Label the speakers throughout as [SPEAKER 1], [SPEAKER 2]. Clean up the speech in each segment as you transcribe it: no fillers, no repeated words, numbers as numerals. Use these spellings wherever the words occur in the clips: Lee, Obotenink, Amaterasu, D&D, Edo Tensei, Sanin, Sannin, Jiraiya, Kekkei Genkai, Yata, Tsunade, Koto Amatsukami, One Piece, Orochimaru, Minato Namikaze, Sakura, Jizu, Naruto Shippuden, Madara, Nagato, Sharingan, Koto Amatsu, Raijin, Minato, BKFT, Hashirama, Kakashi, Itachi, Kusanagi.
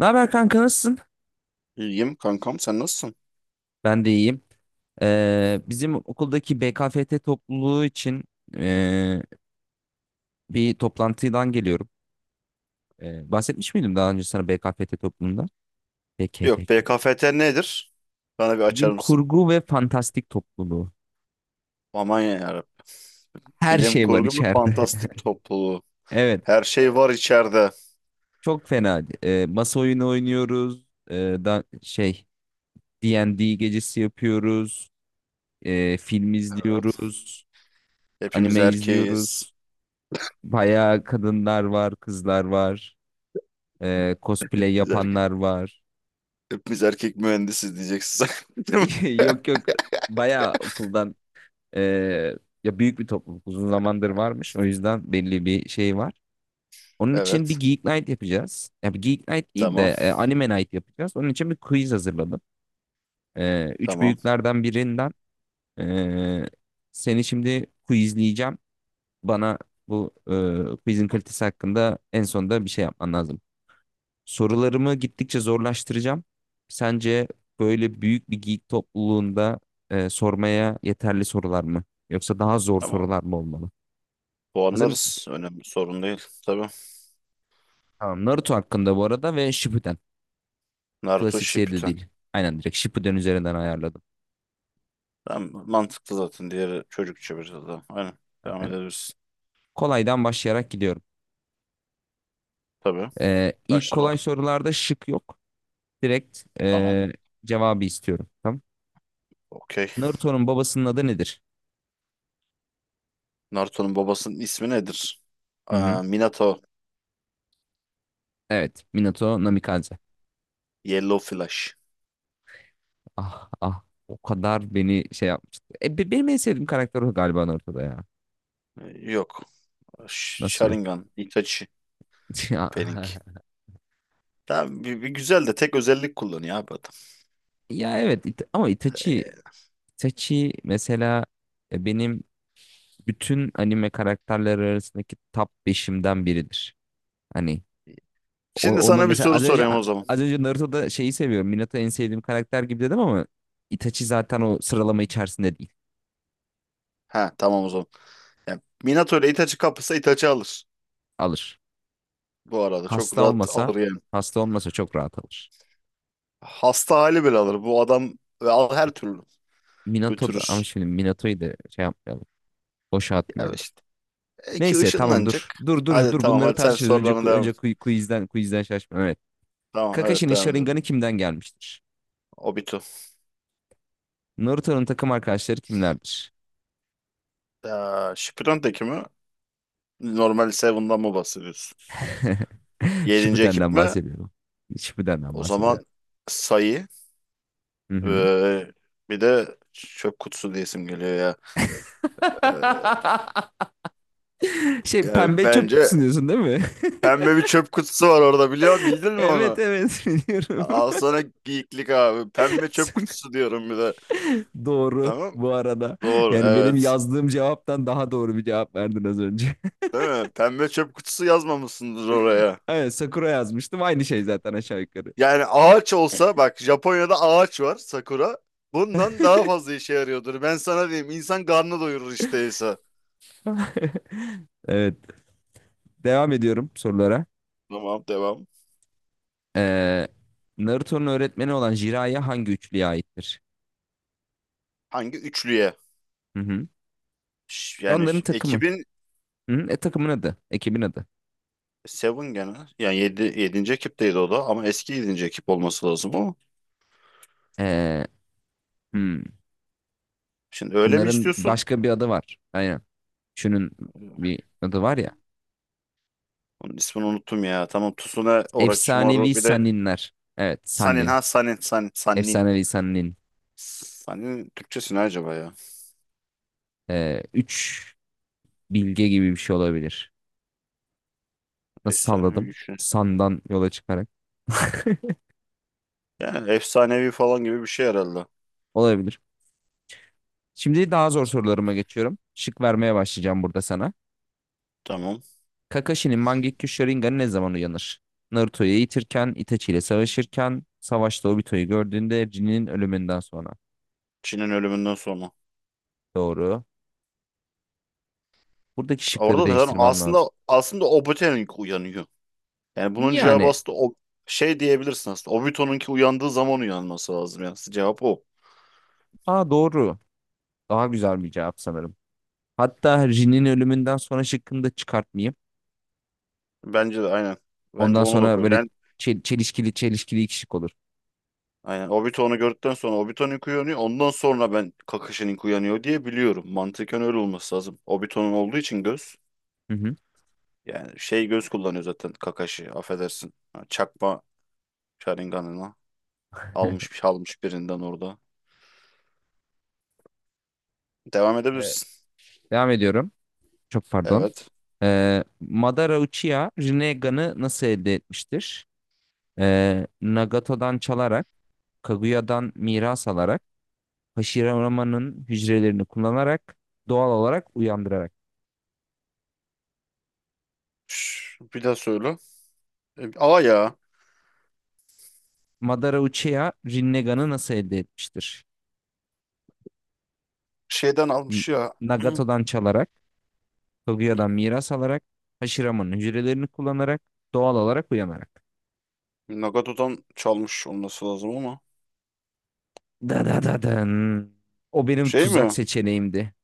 [SPEAKER 1] Ne haber kanka nasılsın?
[SPEAKER 2] İyiyim kankam, sen nasılsın?
[SPEAKER 1] Ben de iyiyim. Bizim okuldaki BKFT topluluğu için ee, bir toplantıdan geliyorum. Bahsetmiş miydim daha önce sana BKFT topluluğunda?
[SPEAKER 2] Yok,
[SPEAKER 1] BKFT.
[SPEAKER 2] BKFT nedir? Bana bir açar
[SPEAKER 1] Bilim
[SPEAKER 2] mısın?
[SPEAKER 1] kurgu ve fantastik topluluğu.
[SPEAKER 2] Aman ya Rabbi.
[SPEAKER 1] Her
[SPEAKER 2] Bilim
[SPEAKER 1] şey var
[SPEAKER 2] kurgu bir
[SPEAKER 1] içeride.
[SPEAKER 2] fantastik topluluğu.
[SPEAKER 1] Evet,
[SPEAKER 2] Her şey var içeride.
[SPEAKER 1] çok fena. Masa oyunu oynuyoruz. Ee, da şey D&D gecesi yapıyoruz. Film
[SPEAKER 2] Evet.
[SPEAKER 1] izliyoruz.
[SPEAKER 2] Hepimiz
[SPEAKER 1] Anime
[SPEAKER 2] erkeğiz.
[SPEAKER 1] izliyoruz. Bayağı kadınlar var, kızlar var. Ee, cosplay
[SPEAKER 2] Hepimiz erkek.
[SPEAKER 1] yapanlar var.
[SPEAKER 2] Hepimiz erkek mühendisiz diyeceksin sen. Değil mi?
[SPEAKER 1] Yok yok bayağı okuldan ee, ya büyük bir topluluk uzun zamandır varmış. O yüzden belli bir şey var. Onun için bir
[SPEAKER 2] Evet.
[SPEAKER 1] Geek Night yapacağız. Ya bir Geek Night değil de
[SPEAKER 2] Tamam.
[SPEAKER 1] Anime Night yapacağız. Onun için bir quiz hazırladım. Üç
[SPEAKER 2] Tamam.
[SPEAKER 1] büyüklerden birinden ee, seni şimdi quizleyeceğim. Bana bu quizin kalitesi hakkında en sonunda bir şey yapman lazım. Sorularımı gittikçe zorlaştıracağım. Sence böyle büyük bir geek topluluğunda sormaya yeterli sorular mı? Yoksa daha zor
[SPEAKER 2] Tamam.
[SPEAKER 1] sorular mı olmalı? Hazır mısın?
[SPEAKER 2] Puanlarız. Önemli sorun değil. Tabii.
[SPEAKER 1] Tamam. Naruto hakkında bu arada ve Shippuden.
[SPEAKER 2] Naruto
[SPEAKER 1] Klasik seride
[SPEAKER 2] Shippuden.
[SPEAKER 1] değil. Aynen direkt Shippuden üzerinden ayarladım.
[SPEAKER 2] Tamam. Mantıklı zaten. Diğeri çocukça biraz daha. Aynen. Devam
[SPEAKER 1] Aynen.
[SPEAKER 2] edebilirsin.
[SPEAKER 1] Kolaydan başlayarak gidiyorum.
[SPEAKER 2] Tabii.
[SPEAKER 1] E, ilk
[SPEAKER 2] Başla bak.
[SPEAKER 1] kolay sorularda şık yok. Direkt
[SPEAKER 2] Tamam.
[SPEAKER 1] cevabı istiyorum. Tamam.
[SPEAKER 2] Okey.
[SPEAKER 1] Naruto'nun babasının adı nedir?
[SPEAKER 2] Naruto'nun babasının ismi nedir?
[SPEAKER 1] Hı hı.
[SPEAKER 2] Aa, Minato,
[SPEAKER 1] Evet. Minato Namikaze.
[SPEAKER 2] Yellow Flash.
[SPEAKER 1] Ah ah o kadar beni şey yapmıştı. Benim en sevdiğim karakter o galiba ortada ya.
[SPEAKER 2] Yok.
[SPEAKER 1] Nasıl yok?
[SPEAKER 2] Sharingan, Itachi,
[SPEAKER 1] Ya,
[SPEAKER 2] Pink. Tamam, bir güzel de tek özellik kullanıyor abi adam.
[SPEAKER 1] ya evet ama Itachi
[SPEAKER 2] Ee,
[SPEAKER 1] Itachi mesela benim bütün anime karakterleri arasındaki top 5'imden biridir. Hani
[SPEAKER 2] Şimdi
[SPEAKER 1] onu
[SPEAKER 2] sana bir
[SPEAKER 1] mesela
[SPEAKER 2] soru
[SPEAKER 1] az önce
[SPEAKER 2] soruyorum o zaman.
[SPEAKER 1] az önce Naruto'da şeyi seviyorum. Minato en sevdiğim karakter gibi dedim ama Itachi zaten o sıralama içerisinde değil.
[SPEAKER 2] Ha, tamam o zaman. Yani Minato ile Itachi kapışsa Itachi alır.
[SPEAKER 1] Alır.
[SPEAKER 2] Bu arada çok
[SPEAKER 1] Hasta
[SPEAKER 2] rahat
[SPEAKER 1] olmasa
[SPEAKER 2] alır yani.
[SPEAKER 1] hasta olmasa çok rahat alır.
[SPEAKER 2] Hasta hali bile alır. Bu adam ve al her türlü
[SPEAKER 1] Minato da ama
[SPEAKER 2] götürür.
[SPEAKER 1] şimdi Minato'yu da şey yapmayalım. Boşa
[SPEAKER 2] Ya
[SPEAKER 1] atmayalım.
[SPEAKER 2] işte iki
[SPEAKER 1] Neyse tamam
[SPEAKER 2] ışınlanacak.
[SPEAKER 1] dur. Dur dur
[SPEAKER 2] Hadi
[SPEAKER 1] dur
[SPEAKER 2] tamam,
[SPEAKER 1] bunları
[SPEAKER 2] hadi sen
[SPEAKER 1] tartışırız. Önce
[SPEAKER 2] sorularına devam
[SPEAKER 1] önce
[SPEAKER 2] et.
[SPEAKER 1] quizden şaşma. Evet.
[SPEAKER 2] Tamam, evet
[SPEAKER 1] Kakashi'nin
[SPEAKER 2] devam edelim.
[SPEAKER 1] Sharingan'ı kimden gelmiştir?
[SPEAKER 2] Obito.
[SPEAKER 1] Naruto'nun takım arkadaşları kimlerdir?
[SPEAKER 2] Shippuden'deki mi? Normal Seven'dan mı bahsediyorsun? Yedinci ekip
[SPEAKER 1] Shippuden'den
[SPEAKER 2] mi?
[SPEAKER 1] bahsediyorum. Shippuden'den
[SPEAKER 2] O zaman
[SPEAKER 1] bahsediyorum.
[SPEAKER 2] sayı,
[SPEAKER 1] Hı hı.
[SPEAKER 2] ee, bir de çöp kutusu diye isim geliyor ya. Ee,
[SPEAKER 1] Şey
[SPEAKER 2] Yani
[SPEAKER 1] pembe çöp kutusu
[SPEAKER 2] bence
[SPEAKER 1] diyorsun değil mi?
[SPEAKER 2] pembe bir çöp kutusu var orada, bildin mi
[SPEAKER 1] Evet
[SPEAKER 2] onu?
[SPEAKER 1] evet biliyorum.
[SPEAKER 2] Al sana geyiklik abi. Pembe çöp kutusu diyorum bir de.
[SPEAKER 1] Doğru
[SPEAKER 2] Tamam.
[SPEAKER 1] bu arada.
[SPEAKER 2] Doğru
[SPEAKER 1] Yani benim
[SPEAKER 2] evet.
[SPEAKER 1] yazdığım cevaptan daha doğru bir cevap verdin az önce.
[SPEAKER 2] Değil mi? Pembe çöp kutusu yazmamışsındır oraya.
[SPEAKER 1] Evet Sakura yazmıştım. Aynı şey zaten aşağı yukarı.
[SPEAKER 2] Yani ağaç olsa bak, Japonya'da ağaç var, sakura. Bundan daha fazla işe yarıyordur. Ben sana diyeyim, insan karnı doyurur işte Esa.
[SPEAKER 1] Evet. Devam ediyorum sorulara.
[SPEAKER 2] Tamam, devam.
[SPEAKER 1] Ee, Naruto'nun öğretmeni olan Jiraiya hangi üçlüye aittir?
[SPEAKER 2] Hangi üçlüye?
[SPEAKER 1] Hı hı.
[SPEAKER 2] Ş-
[SPEAKER 1] E
[SPEAKER 2] Yani
[SPEAKER 1] onların
[SPEAKER 2] ş-
[SPEAKER 1] takımı.
[SPEAKER 2] ekibin
[SPEAKER 1] Hı hı. Takımın adı. Ekibin adı.
[SPEAKER 2] Seven gene. Yani yedinci ekipteydi o da ama eski yedinci ekip olması lazım o.
[SPEAKER 1] Ee, hmm.
[SPEAKER 2] Şimdi öyle mi
[SPEAKER 1] Onların
[SPEAKER 2] istiyorsun?
[SPEAKER 1] başka bir adı var. Aynen. Şunun
[SPEAKER 2] Ee,
[SPEAKER 1] bir adı var ya.
[SPEAKER 2] Onun ismini unuttum ya. Tamam, Tsunade,
[SPEAKER 1] Efsanevi
[SPEAKER 2] Orochimaru bir de
[SPEAKER 1] Sanninler. Evet.
[SPEAKER 2] Sanin,
[SPEAKER 1] Sannin.
[SPEAKER 2] ha Sanin, Sanin, Sanin.
[SPEAKER 1] Efsanevi Sannin.
[SPEAKER 2] Sanin Türkçesi ne acaba ya?
[SPEAKER 1] Üç bilge gibi bir şey olabilir. Nasıl
[SPEAKER 2] Efsanevi
[SPEAKER 1] salladım?
[SPEAKER 2] üçlü.
[SPEAKER 1] Sandan yola çıkarak.
[SPEAKER 2] Yani efsanevi falan gibi bir şey herhalde.
[SPEAKER 1] Olabilir. Şimdi daha zor sorularıma geçiyorum. Şık vermeye başlayacağım burada sana.
[SPEAKER 2] Tamam.
[SPEAKER 1] Kakashi'nin Mangekyou Sharingan'ı ne zaman uyanır? Naruto'yu eğitirken, Itachi ile savaşırken, savaşta Obito'yu gördüğünde Jin'in ölümünden sonra.
[SPEAKER 2] Çin'in ölümünden sonra.
[SPEAKER 1] Doğru. Buradaki şıkları
[SPEAKER 2] Orada da zaten
[SPEAKER 1] değiştirmem lazım.
[SPEAKER 2] aslında Obotenink uyanıyor. Yani bunun cevabı
[SPEAKER 1] Yani,
[SPEAKER 2] aslında o şey diyebilirsin aslında. Obito'nunki uyandığı zaman uyanması lazım yani. Cevap o.
[SPEAKER 1] aa doğru. Daha güzel bir cevap sanırım. Hatta Jin'in ölümünden sonra şıkkını da çıkartmayayım.
[SPEAKER 2] Bence de aynen. Bence
[SPEAKER 1] Ondan
[SPEAKER 2] onu da
[SPEAKER 1] sonra
[SPEAKER 2] koy.
[SPEAKER 1] böyle
[SPEAKER 2] Ben
[SPEAKER 1] çelişkili çelişkili iki şık olur.
[SPEAKER 2] aynen, Obito onu gördükten sonra Obito'nunki uyanıyor. Ondan sonra ben Kakashi'ninki uyanıyor diye biliyorum. Mantıken öyle olması lazım. Obito'nun olduğu için göz.
[SPEAKER 1] Hı hı.
[SPEAKER 2] Yani şey göz kullanıyor zaten Kakashi. Affedersin. Ha, çakma Sharingan'ına almış birinden orada. Devam
[SPEAKER 1] Evet,
[SPEAKER 2] edebilirsin.
[SPEAKER 1] devam ediyorum. Çok pardon.
[SPEAKER 2] Evet.
[SPEAKER 1] Madara Uchiha Rinnegan'ı nasıl elde etmiştir? Nagato'dan çalarak, Kaguya'dan miras alarak, Hashirama'nın hücrelerini kullanarak, doğal olarak uyandırarak.
[SPEAKER 2] Bir daha söyle. A ya.
[SPEAKER 1] Madara Uchiha Rinnegan'ı nasıl elde etmiştir?
[SPEAKER 2] Şeyden
[SPEAKER 1] N-
[SPEAKER 2] almış ya.
[SPEAKER 1] Nagato'dan çalarak, Kaguya'dan miras alarak, Hashirama'nın hücrelerini kullanarak, doğal olarak uyanarak.
[SPEAKER 2] Nagato'dan çalmış olması lazım ama.
[SPEAKER 1] Da da da dın. O benim
[SPEAKER 2] Şey
[SPEAKER 1] tuzak
[SPEAKER 2] mi?
[SPEAKER 1] seçeneğimdi.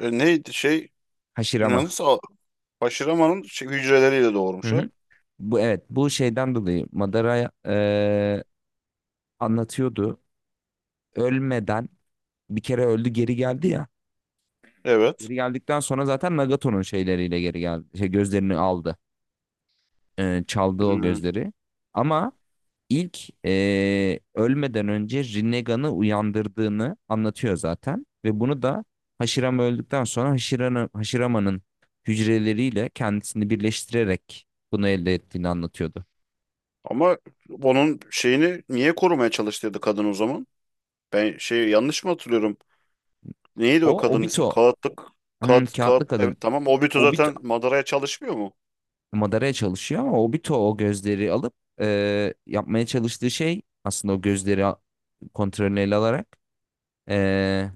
[SPEAKER 2] Neydi şey?
[SPEAKER 1] Hashirama.
[SPEAKER 2] Yalnız Aşirama'nın şey, hücreleriyle
[SPEAKER 1] Hı
[SPEAKER 2] doğurmuş o.
[SPEAKER 1] hı. Bu evet bu şeyden dolayı Madara anlatıyordu. Ölmeden bir kere öldü geri geldi ya.
[SPEAKER 2] Evet.
[SPEAKER 1] Geri geldikten sonra zaten Nagato'nun şeyleriyle geri geldi. Şey, gözlerini aldı. Çaldı o
[SPEAKER 2] Hmm.
[SPEAKER 1] gözleri. Ama ilk ölmeden önce Rinnegan'ı uyandırdığını anlatıyor zaten. Ve bunu da Hashirama öldükten sonra Hashirama'nın hücreleriyle kendisini birleştirerek bunu elde ettiğini anlatıyordu.
[SPEAKER 2] Ama onun şeyini niye korumaya çalıştıydı kadın o zaman? Ben şey yanlış mı hatırlıyorum? Neydi o
[SPEAKER 1] O
[SPEAKER 2] kadının ismi?
[SPEAKER 1] Obito,
[SPEAKER 2] Kağıtlık. Kağıt, kağıt.
[SPEAKER 1] kağıtlı kadın.
[SPEAKER 2] Evet tamam. Obito
[SPEAKER 1] Obito
[SPEAKER 2] zaten Madara'ya çalışmıyor mu?
[SPEAKER 1] madaraya çalışıyor ama Obito o gözleri alıp yapmaya çalıştığı şey aslında o gözleri kontrolünü ele alarak e,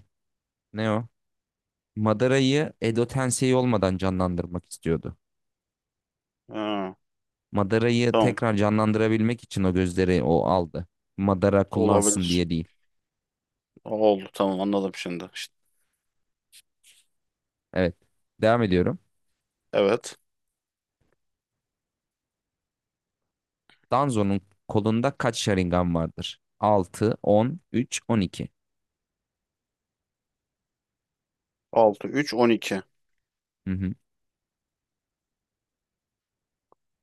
[SPEAKER 1] ne o? Madara'yı Edo Tensei olmadan canlandırmak istiyordu.
[SPEAKER 2] Ha,
[SPEAKER 1] Madara'yı
[SPEAKER 2] tamam.
[SPEAKER 1] tekrar canlandırabilmek için o gözleri o aldı. Madara kullansın
[SPEAKER 2] Olabilir.
[SPEAKER 1] diye değil.
[SPEAKER 2] Oldu, tamam, anladım şimdi. İşte,
[SPEAKER 1] Evet. Devam ediyorum.
[SPEAKER 2] evet.
[SPEAKER 1] Danzo'nun kolunda kaç Sharingan vardır? 6, 10, 3, 12.
[SPEAKER 2] Altı, üç, on iki.
[SPEAKER 1] Hı hı.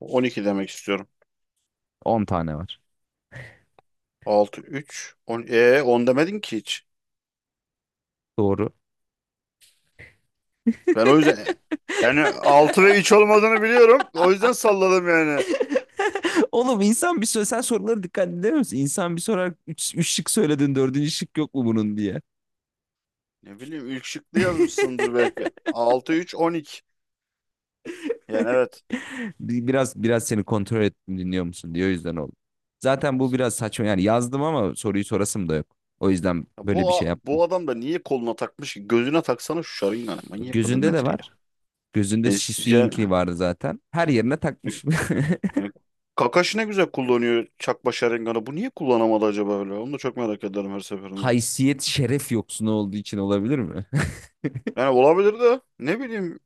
[SPEAKER 2] On iki demek istiyorum.
[SPEAKER 1] 10 tane var.
[SPEAKER 2] Altı, üç, on, 10 demedin ki hiç.
[SPEAKER 1] Doğru.
[SPEAKER 2] Ben o yüzden yani 6 ve 3 olmadığını biliyorum. O yüzden salladım yani.
[SPEAKER 1] Oğlum insan bir söyle sen soruları dikkat edemiyor musun? İnsan bir sorar üç şık söyledin dördüncü şık yok mu bunun diye.
[SPEAKER 2] Ne bileyim, ilk şıklı yazmışsındır belki. Altı, üç, on iki. Yani evet.
[SPEAKER 1] Biraz seni kontrol ettim dinliyor musun diye o yüzden oldu. Zaten bu biraz saçma yani yazdım ama soruyu sorasım da yok. O yüzden
[SPEAKER 2] Ya
[SPEAKER 1] böyle
[SPEAKER 2] bu
[SPEAKER 1] bir şey yaptım.
[SPEAKER 2] bu adam da niye koluna takmış ki? Gözüne taksana şu şarınganı. Manyak mıdır
[SPEAKER 1] Gözünde de
[SPEAKER 2] nedir ya?
[SPEAKER 1] var. Gözünde
[SPEAKER 2] E,
[SPEAKER 1] Şisuinkli
[SPEAKER 2] yani,
[SPEAKER 1] vardı zaten. Her yerine takmış.
[SPEAKER 2] yani Kakashi ne güzel kullanıyor çakma şarınganı. Bu niye kullanamadı acaba öyle? Onu da çok merak ederim her seferinde.
[SPEAKER 1] Haysiyet şeref yoksunu olduğu için olabilir mi?
[SPEAKER 2] Yani olabilir de, ne bileyim,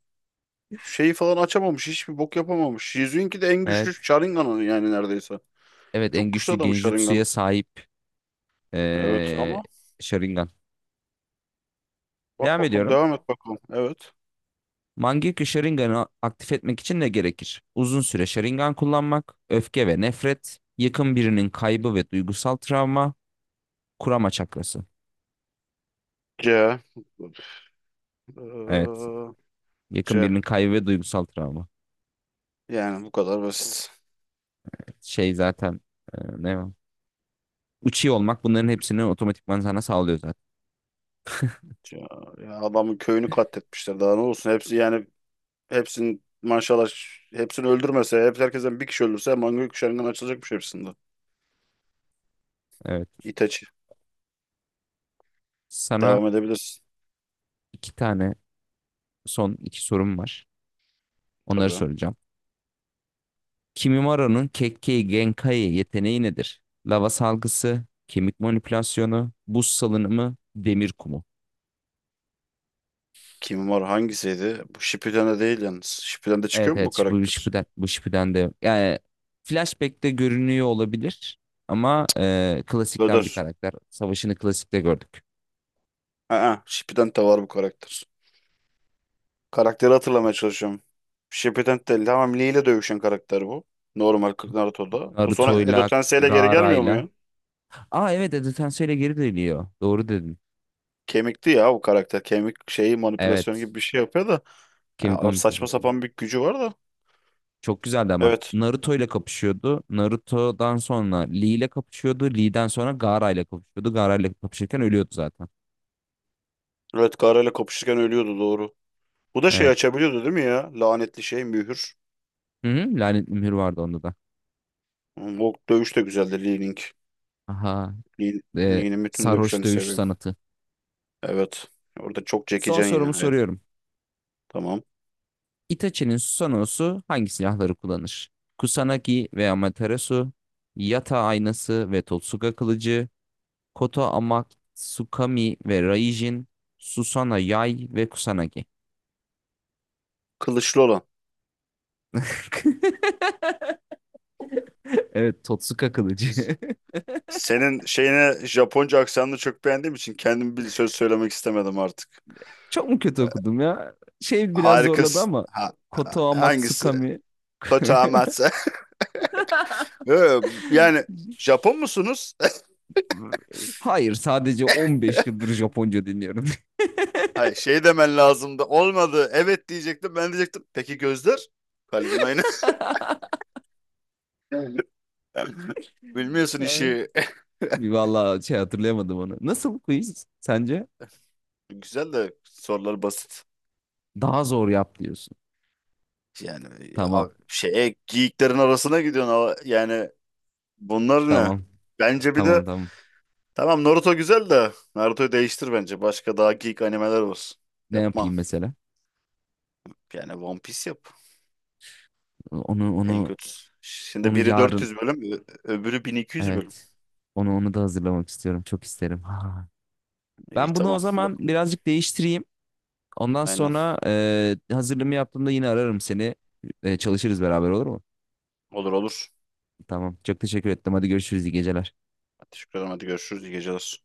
[SPEAKER 2] şeyi falan açamamış. Hiçbir bok yapamamış. Jizu'nunki de en güçlü
[SPEAKER 1] Evet.
[SPEAKER 2] Sharingan'ın yani neredeyse.
[SPEAKER 1] Evet
[SPEAKER 2] Çok
[SPEAKER 1] en
[SPEAKER 2] güçlü
[SPEAKER 1] güçlü
[SPEAKER 2] adam Sharingan'ı.
[SPEAKER 1] Genjutsu'ya sahip
[SPEAKER 2] Evet
[SPEAKER 1] ee,
[SPEAKER 2] ama
[SPEAKER 1] Sharingan.
[SPEAKER 2] bak
[SPEAKER 1] Devam
[SPEAKER 2] bakalım,
[SPEAKER 1] ediyorum.
[SPEAKER 2] devam et bakalım. Evet.
[SPEAKER 1] Mangekyo Sharingan'ı aktif etmek için ne gerekir? Uzun süre Sharingan kullanmak, öfke ve nefret, yakın birinin kaybı ve duygusal travma, kurama çakrası.
[SPEAKER 2] C.
[SPEAKER 1] Evet,
[SPEAKER 2] Ee,
[SPEAKER 1] yakın
[SPEAKER 2] C.
[SPEAKER 1] birinin kaybı ve duygusal travma.
[SPEAKER 2] Yani bu kadar basit.
[SPEAKER 1] Şey zaten ne var? Uchi olmak bunların hepsini otomatikman sana sağlıyor zaten.
[SPEAKER 2] C. Ya adamın köyünü katletmişler. Daha ne olsun? Hepsi yani hepsinin maşallah, hepsini öldürmese, hep herkesten bir kişi öldürse manga Sharingan açılacakmış hepsinde.
[SPEAKER 1] Evet,
[SPEAKER 2] Itachi.
[SPEAKER 1] sana
[SPEAKER 2] Devam edebilirsin.
[SPEAKER 1] iki tane son iki sorum var. Onları
[SPEAKER 2] Tabii.
[SPEAKER 1] soracağım. Kimimaro'nun Kekkei Genkai yeteneği nedir? Lava salgısı, kemik manipülasyonu, buz salınımı, demir kumu.
[SPEAKER 2] Kim var, hangisiydi? Bu Shippuden'de değil yalnız. Shippuden'de
[SPEAKER 1] Evet
[SPEAKER 2] çıkıyor mu bu
[SPEAKER 1] evet bu
[SPEAKER 2] karakter?
[SPEAKER 1] Shippuden, bu Shippuden de yani Flashback'te görünüyor olabilir ama klasikten bir
[SPEAKER 2] Döder.
[SPEAKER 1] karakter. Savaşını klasikte gördük.
[SPEAKER 2] Aa, Shippuden de var bu karakter. Karakteri hatırlamaya çalışıyorum. Shippuden de, tamam, Lee ile dövüşen karakter bu. Normal kırk Naruto'da. Bu sonra Edo
[SPEAKER 1] Naruto'yla,
[SPEAKER 2] Tensei ile geri gelmiyor mu
[SPEAKER 1] Gaara'yla.
[SPEAKER 2] ya?
[SPEAKER 1] Aa evet Edo Tenseil'e geri dönüyor. Doğru dedin.
[SPEAKER 2] Kemikti ya bu karakter. Kemik şeyi manipülasyon
[SPEAKER 1] Evet.
[SPEAKER 2] gibi bir şey yapıyor da.
[SPEAKER 1] Kemik
[SPEAKER 2] Ya,
[SPEAKER 1] Gömülü
[SPEAKER 2] saçma
[SPEAKER 1] Fasali.
[SPEAKER 2] sapan bir gücü var da.
[SPEAKER 1] Çok güzeldi ama.
[SPEAKER 2] Evet.
[SPEAKER 1] Naruto ile kapışıyordu. Naruto'dan sonra Lee ile kapışıyordu. Lee'den sonra Gaara ile kapışıyordu. Gaara ile kapışırken ölüyordu zaten.
[SPEAKER 2] Evet, Gaara ile kapışırken ölüyordu doğru. Bu da şey
[SPEAKER 1] Evet.
[SPEAKER 2] açabiliyordu değil mi ya? Lanetli şey, mühür.
[SPEAKER 1] Hı hı, Lanet Mühür vardı onda da.
[SPEAKER 2] O dövüş de güzeldi, Lee Ling.
[SPEAKER 1] Aha.
[SPEAKER 2] Lee,
[SPEAKER 1] E,
[SPEAKER 2] Lee'nin bütün
[SPEAKER 1] sarhoş
[SPEAKER 2] dövüşlerini
[SPEAKER 1] dövüş
[SPEAKER 2] seviyorum.
[SPEAKER 1] sanatı.
[SPEAKER 2] Evet. Orada çok
[SPEAKER 1] Son
[SPEAKER 2] çekecen
[SPEAKER 1] sorumu
[SPEAKER 2] ya herif.
[SPEAKER 1] soruyorum.
[SPEAKER 2] Tamam.
[SPEAKER 1] Itachi'nin Susanoo'su hangi silahları kullanır? Kusanagi ve Amaterasu, Yata aynası ve Totsuka kılıcı, Koto Amatsukami ve Raijin, Susana Yay ve Kusanagi.
[SPEAKER 2] Kılıçlı olan.
[SPEAKER 1] Evet, Totsuka kılıcı.
[SPEAKER 2] Senin şeyine, Japonca aksanını çok beğendiğim için kendim bir söz söylemek istemedim artık.
[SPEAKER 1] Çok mu kötü okudum ya? Şey biraz zorladı
[SPEAKER 2] Harikasın.
[SPEAKER 1] ama
[SPEAKER 2] Ha,
[SPEAKER 1] Koto
[SPEAKER 2] hangisi?
[SPEAKER 1] Amatsukami.
[SPEAKER 2] Koto Amatsu. Ee, Yani Japon musunuz?
[SPEAKER 1] Hayır, sadece 15 yıldır Japonca dinliyorum.
[SPEAKER 2] Hayır, şey demen lazımdı. Olmadı. Evet diyecektim. Ben diyecektim. Peki gözler? Kalbin aynı. Bilmiyorsun işi.
[SPEAKER 1] Vallahi şey hatırlayamadım onu. Nasıl quiz sence?
[SPEAKER 2] Güzel de sorular basit.
[SPEAKER 1] Daha zor yap diyorsun.
[SPEAKER 2] Yani
[SPEAKER 1] Tamam.
[SPEAKER 2] abi, şeye geyiklerin arasına gidiyorsun ama yani bunlar ne?
[SPEAKER 1] Tamam.
[SPEAKER 2] Bence bir
[SPEAKER 1] Tamam
[SPEAKER 2] de
[SPEAKER 1] tamam.
[SPEAKER 2] tamam, Naruto güzel de Naruto'yu değiştir bence. Başka daha geek animeler olsun.
[SPEAKER 1] Ne
[SPEAKER 2] Yapma.
[SPEAKER 1] yapayım mesela?
[SPEAKER 2] Yani One Piece yap.
[SPEAKER 1] Onu
[SPEAKER 2] En
[SPEAKER 1] onu
[SPEAKER 2] kötüsü. Şimdi
[SPEAKER 1] onu
[SPEAKER 2] biri
[SPEAKER 1] yarın
[SPEAKER 2] 400 bölüm, öbürü 1200 bölüm.
[SPEAKER 1] evet. Onu da hazırlamak istiyorum. Çok isterim. Ha.
[SPEAKER 2] İyi
[SPEAKER 1] Ben bunu o
[SPEAKER 2] tamam.
[SPEAKER 1] zaman
[SPEAKER 2] Bakın,
[SPEAKER 1] birazcık değiştireyim. Ondan
[SPEAKER 2] aynen.
[SPEAKER 1] sonra hazırlığımı yaptığımda yine ararım seni. Çalışırız beraber olur mu?
[SPEAKER 2] Olur olur.
[SPEAKER 1] Tamam. Çok teşekkür ettim. Hadi görüşürüz. İyi geceler.
[SPEAKER 2] Teşekkür ederim. Hadi görüşürüz. İyi geceler.